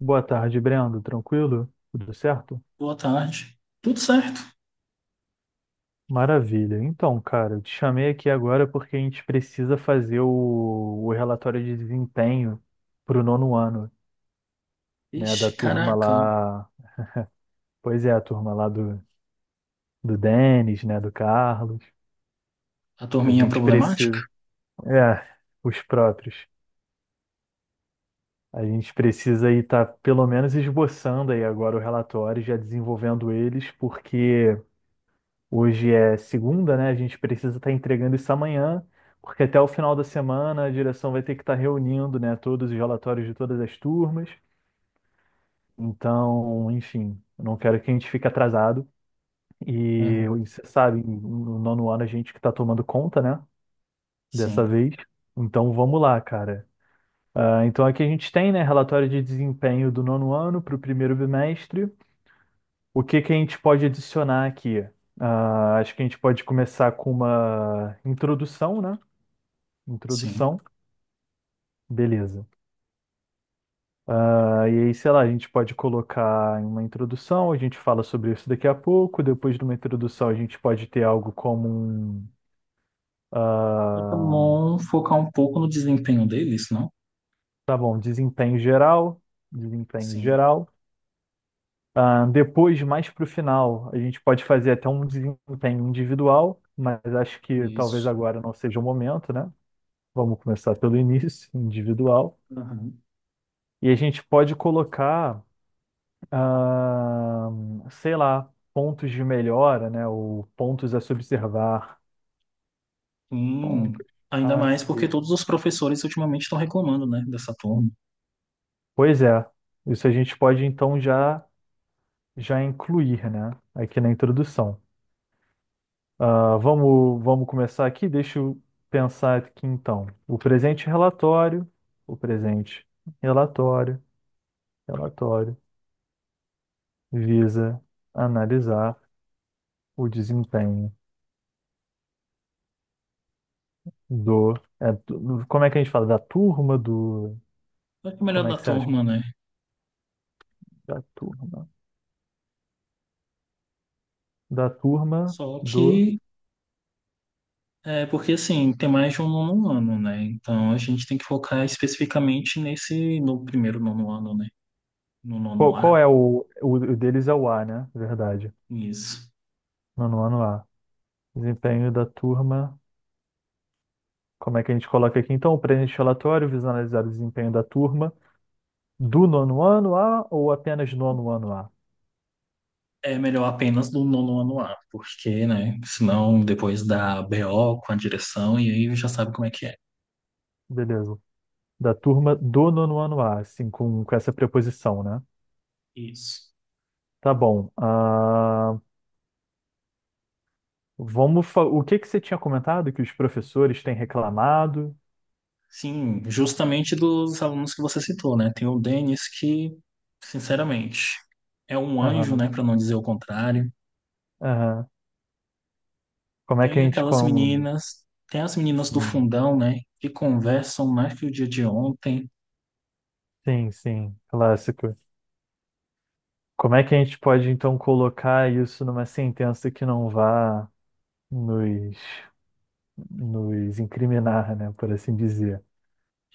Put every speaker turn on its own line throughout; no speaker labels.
Boa tarde, Brendo. Tranquilo? Tudo certo?
Boa tarde. Tudo certo?
Maravilha. Então, cara, eu te chamei aqui agora porque a gente precisa fazer o relatório de desempenho para o nono ano, né, da
Ixi,
turma
caraca.
lá. Pois é, a turma lá do Denis, né, do Carlos.
A
A
turminha
gente
problemática?
precisa. É, os próprios. A gente precisa aí estar pelo menos esboçando aí agora o relatório, já desenvolvendo eles, porque hoje é segunda, né? A gente precisa estar entregando isso amanhã, porque até o final da semana a direção vai ter que estar reunindo, né, todos os relatórios de todas as turmas. Então, enfim, eu não quero que a gente fique atrasado. E
Aham.
você sabe, no nono ano a gente que está tomando conta, né? Dessa
Sim,
vez. Então vamos lá, cara. Então aqui a gente tem, né, relatório de desempenho do nono ano para o primeiro bimestre. O que que a gente pode adicionar aqui? Acho que a gente pode começar com uma introdução, né?
sim.
Introdução, beleza. E aí, sei lá, a gente pode colocar em uma introdução, a gente fala sobre isso daqui a pouco. Depois de uma introdução, a gente pode ter algo como um,
Mas é
ah,
bom focar um pouco no desempenho deles, não?
tá bom, desempenho geral, desempenho
Sim,
geral. Depois, mais para o final, a gente pode fazer até um desempenho individual, mas acho que talvez
isso.
agora não seja o momento, né? Vamos começar pelo início, individual.
Aham.
E a gente pode colocar, ah, sei lá, pontos de melhora, né? Ou pontos a se observar.
Sim.
Pontos
Ainda
a
mais porque
se...
todos os professores ultimamente estão reclamando, né, dessa turma.
Pois é, isso a gente pode então já incluir, né? Aqui na introdução. Vamos começar aqui? Deixa eu pensar aqui então. O presente relatório, o presente relatório, relatório, visa analisar o desempenho. Do. Como é que a gente fala? Da turma do.
Só que é o melhor
Como é
da
que você acha?
turma, né?
Da turma. Da turma
Só
do.
que é porque assim, tem mais de um nono ano, né? Então a gente tem que focar especificamente nesse no primeiro nono ano, né? No
Qual,
nono A.
qual é o deles? É o A, né? Verdade.
Isso.
Nono ano A. Desempenho da turma. Como é que a gente coloca aqui? Então, o presente relatório visa analisar o desempenho da turma do nono ano A, ou apenas nono ano A?
É melhor apenas do nono ano A, porque, né? Senão depois dá BO com a direção e aí já sabe como é que é.
Beleza. Da turma do nono ano A, assim, com essa preposição, né?
Isso.
Tá bom. Vamos O que que você tinha comentado que os professores têm reclamado?
Sim, justamente dos alunos que você citou, né? Tem o Denis que, sinceramente, é um anjo,
Aham,
né? Para não dizer o contrário.
aham. Como é que a
Tem
gente
aquelas
com...
meninas, tem as meninas do
Sim,
fundão, né? Que conversam mais que o dia de ontem.
sim, sim, clássico. Como é que a gente pode então colocar isso numa sentença que não vá nos, nos incriminar, né, por assim dizer?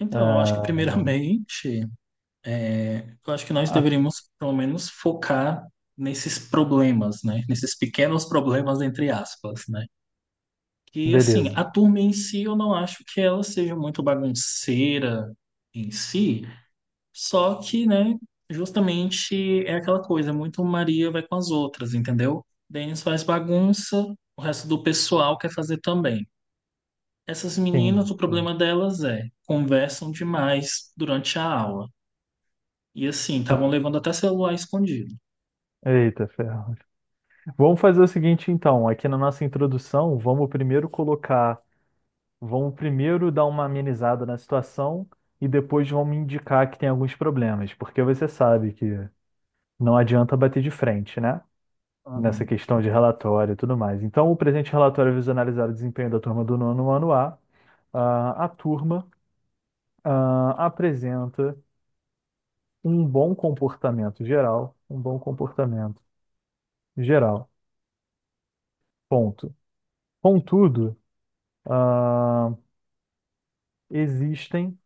Então, eu acho que
Ah, não.
primeiramente é, eu acho que nós
Ah,
deveríamos, pelo menos, focar nesses problemas, né? Nesses pequenos problemas, entre aspas, né? Que, assim,
beleza.
a turma em si, eu não acho que ela seja muito bagunceira em si, só que, né, justamente é aquela coisa, é muito Maria vai com as outras, entendeu? Denis faz bagunça, o resto do pessoal quer fazer também. Essas
Sim,
meninas, o
sim,
problema delas é conversam demais durante a aula. E assim, estavam
sim.
levando até celular escondido.
Eita, ferro. Vamos fazer o seguinte então: aqui na nossa introdução, vamos primeiro colocar, vão primeiro dar uma amenizada na situação, e depois vão me indicar que tem alguns problemas, porque você sabe que não adianta bater de frente, né? Nessa
Uhum.
questão de relatório e tudo mais. Então, o presente relatório visa analisar o desempenho da turma do nono ano A. A turma, apresenta um bom comportamento geral, um bom comportamento geral, ponto. Contudo, ah, existem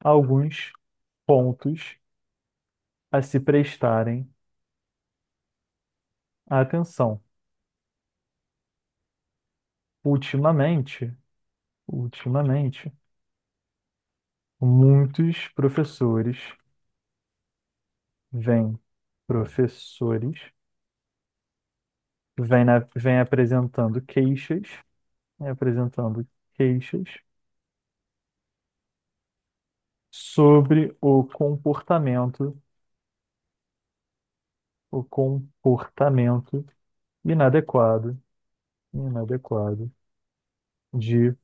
alguns pontos a se prestarem atenção. Ultimamente, ultimamente, muitos professores vêm, professores vêm apresentando vêm apresentando queixas sobre o comportamento inadequado, inadequado de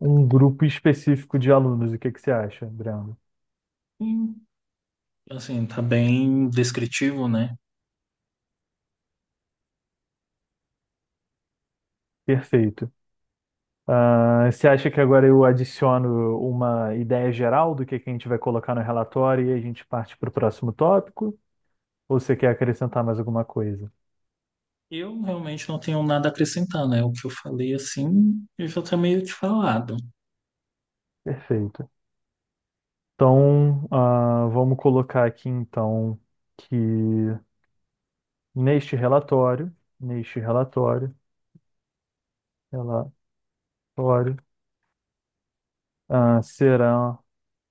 um grupo específico de alunos. O que que você acha, Brando?
Sim, assim, tá bem descritivo, né?
Perfeito. Você acha que agora eu adiciono uma ideia geral do que a gente vai colocar no relatório e a gente parte para o próximo tópico? Ou você quer acrescentar mais alguma coisa?
Eu realmente não tenho nada a acrescentar, né? O que eu falei, assim, eu já tá meio te falado.
Perfeito. Então, vamos colocar aqui então que neste relatório, neste relatório, será,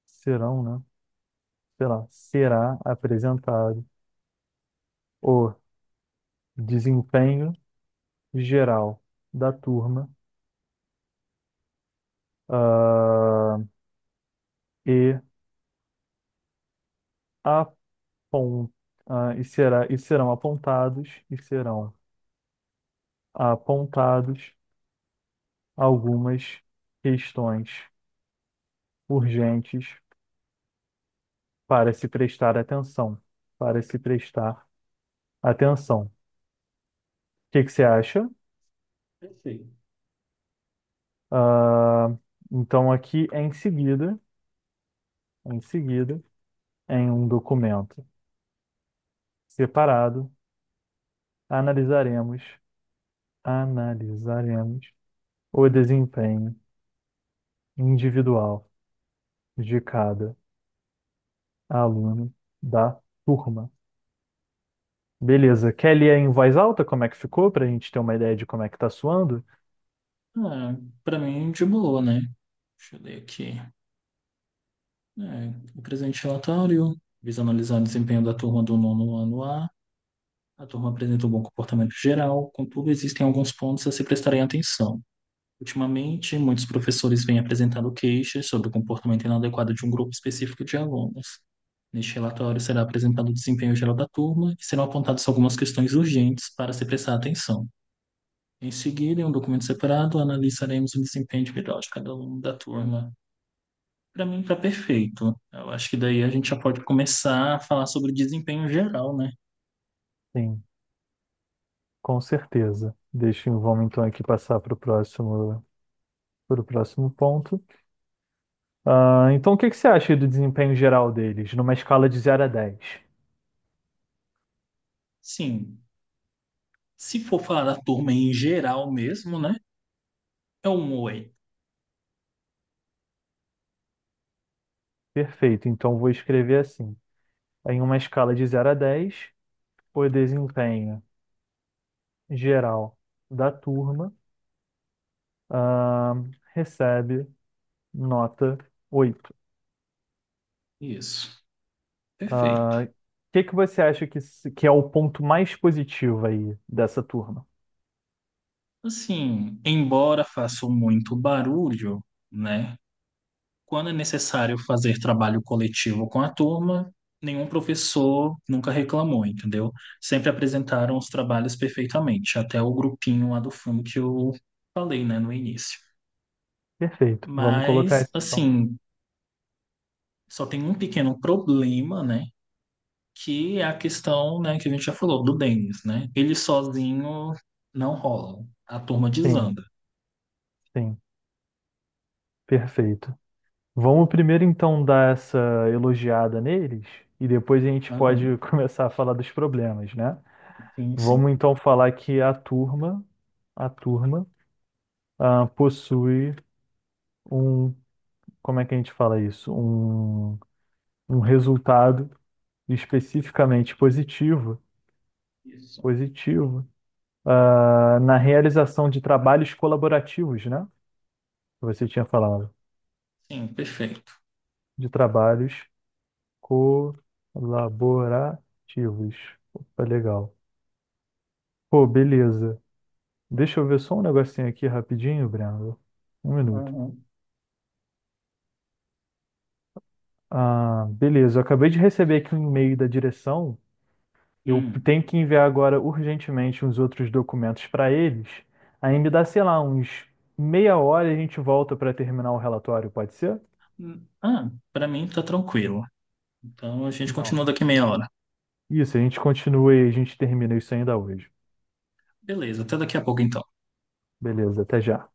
serão, né? Sei lá, será apresentado o desempenho geral da turma, ah, e apon, e será, e serão apontados algumas questões urgentes para se prestar atenção, para se prestar atenção. O que que você acha?
Perfeito.
Ah, então aqui é em seguida, em um documento separado, analisaremos, analisaremos o desempenho individual de cada aluno da turma. Beleza. Quer ler em voz alta como é que ficou, para a gente ter uma ideia de como é que está soando?
Ah, pra mim, de boa, né? Deixa eu ler aqui. É, o presente relatório visa analisar o desempenho da turma do nono ano A. A turma apresenta um bom comportamento geral, contudo, existem alguns pontos a se prestarem atenção. Ultimamente, muitos professores vêm apresentando queixas sobre o comportamento inadequado de um grupo específico de alunos. Neste relatório será apresentado o desempenho geral da turma e serão apontadas algumas questões urgentes para se prestar atenção. Em seguida, em um documento separado, analisaremos o desempenho individual de cada aluno da turma. Para mim, está perfeito. Eu acho que daí a gente já pode começar a falar sobre o desempenho geral, né?
Sim, com certeza. Vamos então aqui passar para o próximo ponto. Então, o que que você acha do desempenho geral deles, numa escala de 0 a 10?
Sim, se for falar da turma em geral mesmo, né? É um oi.
Perfeito. Então, vou escrever assim. Em uma escala de 0 a 10, o desempenho geral da turma, ah, recebe nota 8.
Isso, perfeito.
O que que você acha que, que é o ponto mais positivo aí dessa turma?
Assim, embora faça muito barulho, né? Quando é necessário fazer trabalho coletivo com a turma, nenhum professor nunca reclamou, entendeu? Sempre apresentaram os trabalhos perfeitamente, até o grupinho lá do fundo que eu falei, né, no início.
Perfeito. Vamos colocar
Mas,
isso então.
assim, só tem um pequeno problema, né, que é a questão, né, que a gente já falou, do Denis, né? Ele sozinho não rola, a turma
Sim,
desanda.
sim, perfeito. Vamos primeiro então dar essa elogiada neles e depois a gente
Aham.
pode começar a falar dos problemas, né?
Sim.
Vamos então falar que a turma, possui um, como é que a gente fala isso? Um resultado especificamente positivo,
Isso.
positivo, na realização de trabalhos colaborativos, né? Que você tinha falado
Sim, perfeito.
de trabalhos colaborativos. Opa, legal. Pô, beleza. Deixa eu ver só um negocinho aqui rapidinho, Breno. Um minuto.
Aham.
Ah, beleza, eu acabei de receber aqui um e-mail da direção. Eu
Hum.
tenho que enviar agora urgentemente uns outros documentos para eles. Aí me dá, sei lá, uns meia hora, e a gente volta para terminar o relatório, pode ser?
Ah, para mim tá tranquilo. Então a gente
Não.
continua daqui meia hora.
Isso, a gente continua e a gente termina isso ainda hoje.
Beleza, até daqui a pouco então.
Beleza, até já.